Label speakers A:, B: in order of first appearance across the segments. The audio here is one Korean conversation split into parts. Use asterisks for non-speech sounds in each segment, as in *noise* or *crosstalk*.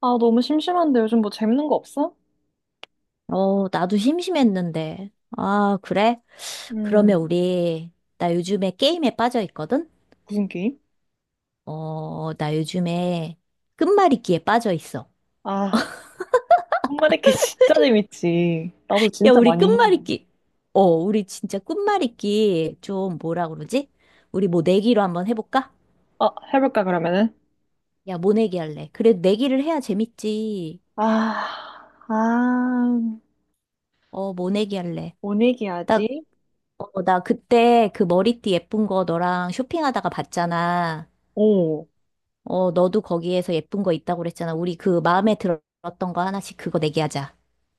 A: 아, 너무 심심한데 요즘 뭐 재밌는 거 없어?
B: 어, 나도 심심했는데. 아, 그래? 그러면
A: 음.
B: 우리, 나 요즘에 게임에 빠져 있거든?
A: 무슨 게임?
B: 어, 나 요즘에 끝말잇기에 빠져 있어.
A: 아, 손가리게 *laughs* 진짜 재밌지. 나도
B: 야,
A: 진짜
B: 우리
A: 많이 해.
B: 끝말잇기. 어, 우리 진짜 끝말잇기 좀 뭐라 그러지? 우리 뭐 내기로 한번 해볼까?
A: 아, 해볼까, 그러면은?
B: 야, 뭐 내기 할래? 그래, 내기를 해야 재밌지.
A: 아, 아,
B: 어, 뭐 내기 할래?
A: 뭔
B: 나,
A: 얘기하지?
B: 어, 나 그때 그 머리띠 예쁜 거 너랑 쇼핑하다가 봤잖아.
A: 오,
B: 어, 너도 거기에서 예쁜 거 있다고 그랬잖아. 우리 그 마음에 들었던 거 하나씩 그거 내기하자.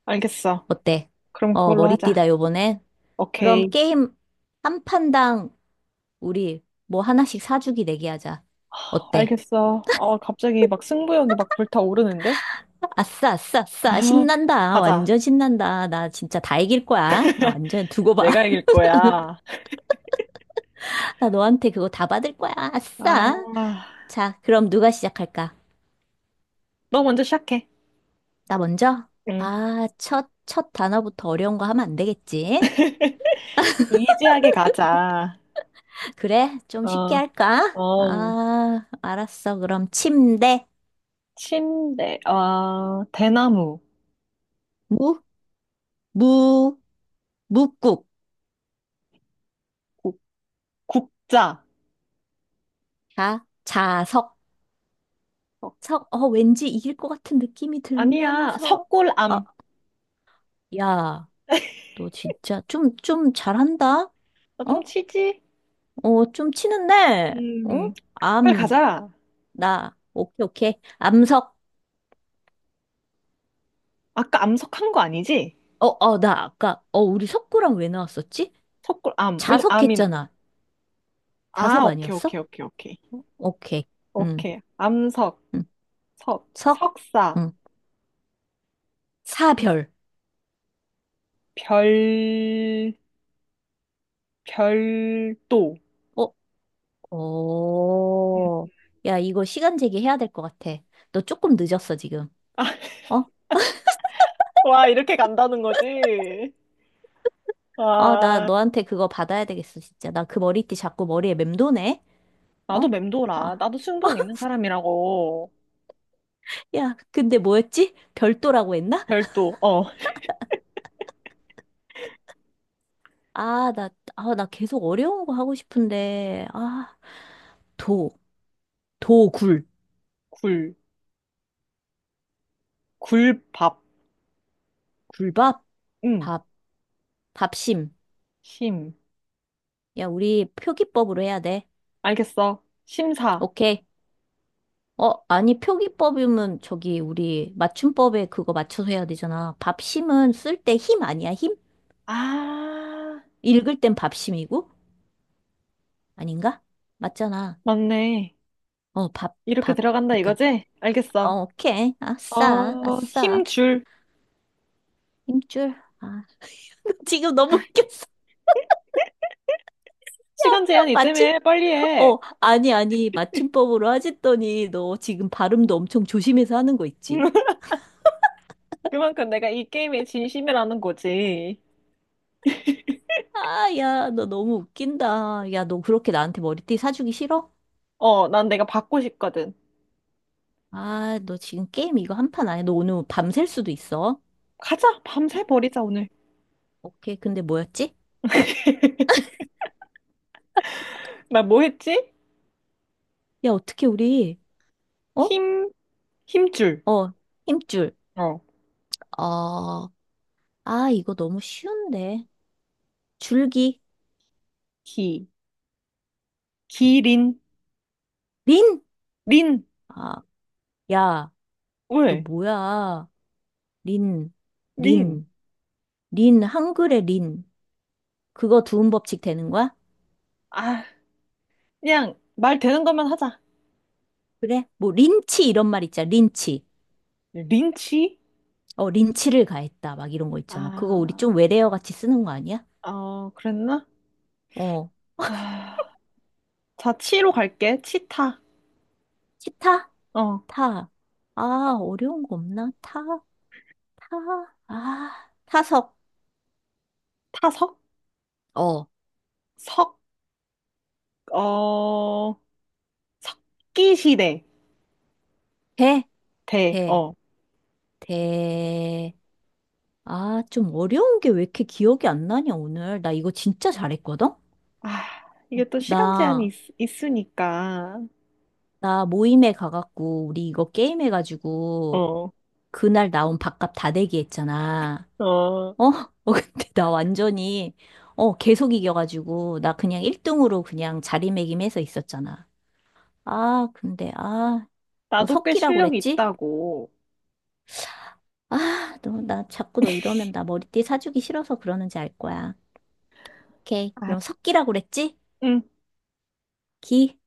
A: 알겠어.
B: 어때?
A: 그럼
B: 어,
A: 그걸로 하자.
B: 머리띠다, 요번엔. 그럼
A: 오케이.
B: 게임 한 판당 우리 뭐 하나씩 사주기 내기하자. 어때?
A: 알겠어. 아, 갑자기 막 승부욕이 막 불타오르는데?
B: 아싸, 아싸, 아싸.
A: 아,
B: 신난다.
A: *laughs* 가자.
B: 완전 신난다. 나 진짜 다 이길 거야. 나 완전 두고 봐.
A: 내가 이길 거야.
B: *laughs* 나 너한테 그거 다 받을 거야. 아싸.
A: 아,
B: 자, 그럼 누가 시작할까?
A: 너 먼저 시작해.
B: 나 먼저?
A: 응.
B: 아, 첫 단어부터 어려운 거 하면 안 되겠지?
A: 이지하게 가자.
B: 그래, 좀 쉽게
A: 어,
B: 할까?
A: 어.
B: 아, 알았어. 그럼 침대,
A: 침대, 아, 대나무,
B: 무, 무, 묵국.
A: 국, 국자.
B: 자, 자석,
A: 어,
B: 석. 어, 왠지 이길 것 같은 느낌이
A: 아니야,
B: 들면서. 아,
A: 석굴암.
B: 야, 너 진짜 좀 잘한다?
A: 나 좀
B: 어?
A: 치지?
B: 어, 좀 치는데? 어?
A: 음, 빨리
B: 암,
A: 가자.
B: 나. 오케이, 오케이. 암석.
A: 아까 암석한 거 아니지?
B: 어, 어, 나 아까, 어, 우리 석구랑 왜 나왔었지?
A: 석굴암. 왜냐,
B: 자석
A: 암인.
B: 했잖아.
A: 아,
B: 자석
A: 오케이, 오케이,
B: 아니었어?
A: 오케이, 오케이.
B: 오케이. 응,
A: 오케이. 암석,
B: 응.
A: 석,
B: 석.
A: 석사,
B: 응. 사별.
A: 별, 별도.
B: 어,
A: 음.
B: 어. 야, 이거 시간 제기해야 될 것 같아. 너 조금 늦었어, 지금. 어?
A: 와, 이렇게 간다는 거지?
B: 아, 나
A: 와,
B: 너한테 그거 받아야 되겠어, 진짜. 나 그 머리띠 자꾸 머리에 맴도네.
A: 나도
B: 어?
A: 맴돌아.
B: 아,
A: 나도 승부욕 있는 사람이라고.
B: 야, 근데 뭐였지? 별도라고 했나?
A: 별도, 어,
B: 아, 나, 아, 나 계속 어려운 거 하고 싶은데. 아, 도, 굴.
A: 굴, 굴밥.
B: 굴밥?
A: 음.
B: 밥, 밥심.
A: 심.
B: 야, 우리 표기법으로 해야 돼.
A: 알겠어. 심사.
B: 오케이. 어, 아니, 표기법이면 저기 우리 맞춤법에 그거 맞춰서 해야 되잖아. 밥심은 쓸 때 힘 아니야, 힘?
A: 아,
B: 읽을 땐 밥심이고? 아닌가? 맞잖아.
A: 맞네.
B: 어, 밥,
A: 이렇게
B: 밥.
A: 들어간다
B: 그러니까.
A: 이거지? 알겠어.
B: 어, 오케이. 아싸,
A: 어,
B: 아싸.
A: 힘줄.
B: 힘줄. 아, *laughs* 지금 너무 웃겼어.
A: 시간 제한이
B: *laughs* 맞춤,
A: 있다며. 빨리 해.
B: 어, 아니. 맞춤법으로 하셨더니 너 지금 발음도 엄청 조심해서 하는 거 있지?
A: *laughs* 그만큼 내가 이 게임에 진심이라는 거지.
B: 아, 야, 너 너무 웃긴다. 야, 너 그렇게 나한테 머리띠 사주기 싫어?
A: 어, 난 내가 받고 싶거든.
B: 아, 너 지금 게임 이거 한 판 안 해? 너 오늘 뭐 밤샐 수도 있어.
A: 가자.
B: 어,
A: 밤새 버리자, 오늘.
B: 오케이. 근데 뭐였지?
A: 나 뭐 했지?
B: 야, 어떻게 우리, 어?
A: 힘, 힘줄.
B: 어, 힘줄.
A: 어.
B: 어, 아, 이거 너무 쉬운데. 줄기.
A: 기, 기린.
B: 린?
A: 린.
B: 아, 야, 너
A: 왜?
B: 뭐야? 린,
A: 린.
B: 린, 린, 한글의 린. 그거 두음 법칙 되는 거야?
A: 아, 그냥 말 되는 것만 하자.
B: 그래? 뭐, 린치 이런 말 있잖아. 린치.
A: 린치?
B: 어, 린치를 가했다. 막 이런 거 있잖아. 그거 우리
A: 아.
B: 좀 외래어 같이 쓰는 거 아니야?
A: 어, 그랬나?
B: 어,
A: 아, 자, 치로 갈게. 치타.
B: 치타?
A: 어,
B: 타. 아, 어려운 거 없나? 타, 타, 아, 타석.
A: 타석?
B: 어,
A: 석, 어, 석기시대.
B: 대,
A: 대,
B: 대,
A: 어.
B: 대. 아, 좀 어려운 게 왜 이렇게 기억이 안 나냐, 오늘. 나 이거 진짜 잘했거든? 어,
A: 아, 이게 또 시간 제한이
B: 나,
A: 있으니까.
B: 나 모임에 가갖고, 우리 이거 게임해가지고,
A: 어,
B: 그날 나온 밥값 다 내기 했잖아.
A: 어.
B: 어? *laughs* 어, 근데 나 완전히, 어, 계속 이겨가지고, 나 그냥 1등으로 그냥 자리매김해서 있었잖아. 아, 근데, 아, 너
A: 나도 꽤
B: 석기라고
A: 실력이
B: 그랬지?
A: 있다고.
B: 아, 너, 나 자꾸 너 이러면 나 머리띠 사주기 싫어서 그러는지 알 거야. 오케이.
A: 아,
B: 그럼 석기라고 그랬지?
A: 응.
B: 기,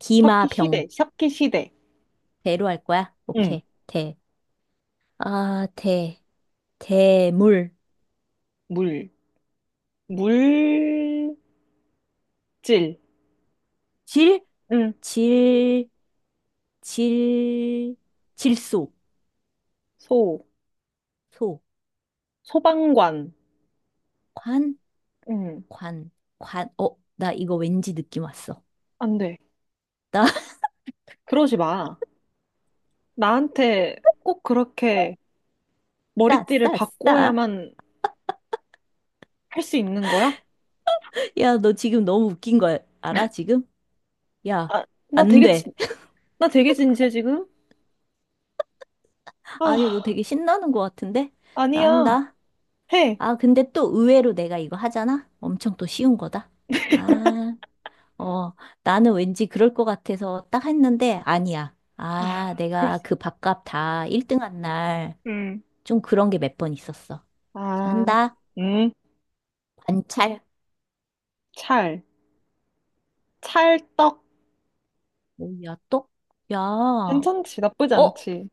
B: 기마병.
A: 석기시대, 석기시대.
B: 대로 할 거야?
A: 응.
B: 오케이. 대. 아, 대. 대물.
A: 물, 물질.
B: 질?
A: 응.
B: 질, 질, 질소.
A: 소,
B: 소.
A: 소방관.
B: 관?
A: 응.
B: 관. 관. 어, 나 이거 왠지 느낌 왔어.
A: 안 돼.
B: 나, *laughs*
A: 그러지 마. 나한테 꼭 그렇게
B: 싸,
A: 머리띠를
B: 싸, 싸.
A: 바꿔야만 할 수 있는 거야?
B: 야, 너 지금 너무 웃긴 거 알아, 지금? 야,
A: 아, 나
B: 안
A: 되게
B: 돼.
A: 진,
B: *laughs*
A: 나 되게 진지해 지금?
B: 아니, 너
A: 아,
B: 되게 신나는 것 같은데? 나
A: 아니야.
B: 한다.
A: 해.
B: 아, 근데 또 의외로 내가 이거 하잖아? 엄청 또 쉬운 거다. 아, 어, 나는 왠지 그럴 것 같아서 딱 했는데, 아니야. 아,
A: 아, 글쎄.
B: 내가 그 밥값 다 1등 한 날,
A: 음.
B: 좀 그런 게 몇 번 있었어. 자,
A: 아,
B: 한다.
A: 음.
B: 관찰.
A: 찰. 찰떡.
B: 뭐야, 또? 야, 어?
A: 괜찮지. 나쁘지 않지.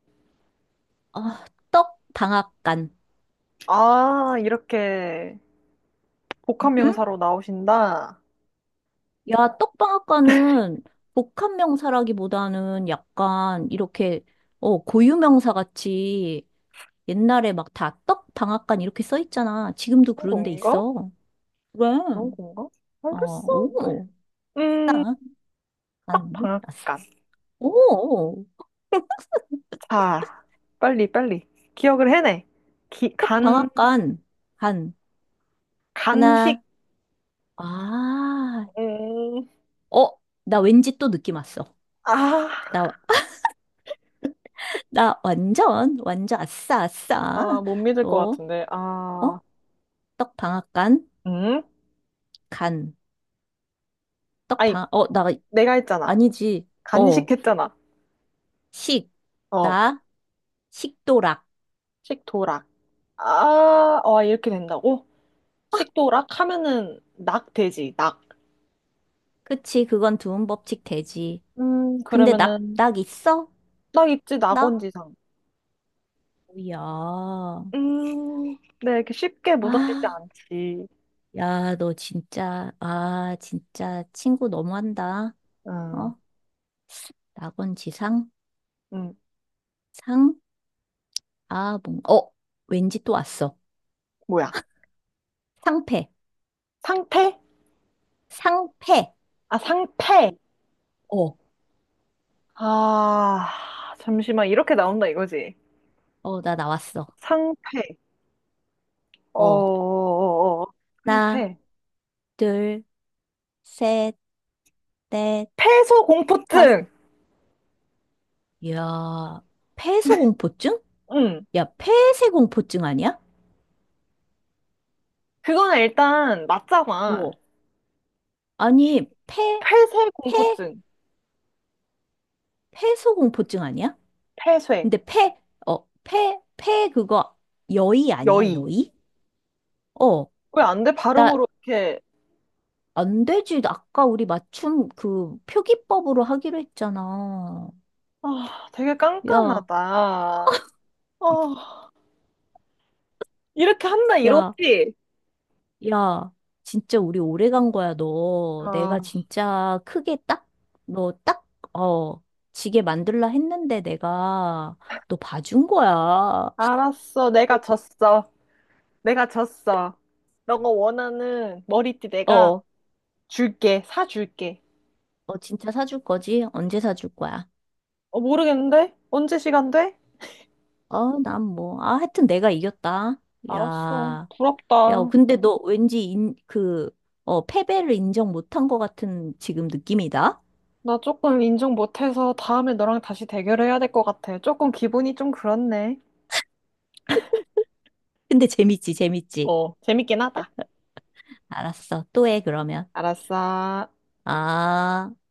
B: 아, 떡 방앗간.
A: 아, 이렇게 복합
B: 응?
A: 명사로 나오신다.
B: 야, 떡방앗간은 복합 명사라기보다는 약간 이렇게 어, 고유 명사 같이 옛날에 막 다 떡방앗간 이렇게 써 있잖아. 지금도 그런 데
A: 그런 건가?
B: 있어. 그래.
A: 그런 건가?
B: 어,
A: 알겠어.
B: 오.
A: 음,
B: 딱, 간.
A: 딱
B: 아싸.
A: 방앗간.
B: 오.
A: 자, 빨리 빨리. 기억을 해내. 기, 간,
B: 떡방앗간 간
A: 간식.
B: 하나. 아.
A: 음.
B: 어, 나 왠지 또 느낌 왔어.
A: 아.
B: 나, *laughs* 나 완전 완전 아싸 아싸.
A: 아, 못 믿을 것
B: 또
A: 같은데.
B: 어?
A: 아,
B: 떡방앗간
A: 음?
B: 간.
A: 아니,
B: 떡방, 어, 나,
A: 내가 했잖아.
B: 아니지. 어,
A: 간식했잖아.
B: 식,
A: 어,
B: 나, 식도락.
A: 식도락. 아, 와, 이렇게 된다고? 식도락 하면은 낙 되지, 낙.
B: 그치, 그건 두음 법칙 되지. 근데 낙,
A: 그러면은
B: 낙 있어?
A: 낙 있지,
B: 낙?
A: 낙원지상.
B: 야,
A: 음, 네, 이렇게 쉽게 무너지지
B: 아,
A: 않지.
B: 야, 너 진짜, 아, 진짜 친구 너무한다.
A: 음,
B: 어? 낙원 지상?
A: 음,
B: 상? 아, 뭔, 어, 왠지 또 왔어.
A: 뭐야?
B: 상패,
A: 상태?
B: 상패.
A: 아, 상패.
B: 어,
A: 아, 잠시만, 이렇게 나온다 이거지.
B: 어, 나 나왔어.
A: 상패. 어, 어,
B: 어,
A: 어, 어. 어.
B: 하나,
A: 상패.
B: 둘, 셋, 넷,
A: 폐소
B: 다섯.
A: 공포증.
B: 야, 폐소공포증?
A: 응.
B: 야, 폐쇄공포증 아니야?
A: 그거는 일단 맞잖아.
B: 어. 아니, 폐,
A: 폐쇄
B: 폐,
A: 공포증.
B: 폐소공포증 아니야?
A: 폐쇄.
B: 근데 폐, 어, 폐 그거 여의 아니야,
A: 여의.
B: 여의? 어,
A: 왜 안 돼?
B: 나
A: 발음으로 이렇게.
B: 안 되지. 아까 우리 맞춤 그 표기법으로 하기로 했잖아.
A: 아, 되게
B: 야,
A: 깐깐하다. 아, 이렇게 한다
B: 야,
A: 이러지?
B: 야, 진짜 우리 오래 간 거야, 너.
A: 아,
B: 내가 진짜 크게 딱, 너 딱, 어, 지게 만들라 했는데 내가 너 봐준 거야. *laughs*
A: 알았어. 내가 졌어. 내가 졌어. 너가 원하는 머리띠 내가
B: 어,
A: 줄게. 사줄게.
B: 어, 진짜 사줄 거지? 언제 사줄 거야?
A: 어, 모르겠는데? 언제 시간 돼?
B: 어, 난 뭐, 아, 하여튼 내가 이겼다.
A: 알았어.
B: 야, 야,
A: 부럽다.
B: 근데 너 왠지 인, 그, 어, 패배를 인정 못한 것 같은 지금 느낌이다?
A: 나 조금 인정 못해서 다음에 너랑 다시 대결해야 될 것 같아. 조금 기분이 좀 그렇네.
B: 근데 재밌지, 재밌지.
A: 어, 재밌긴 하다.
B: 알았어. 또 해, 그러면.
A: 알았어.
B: 아.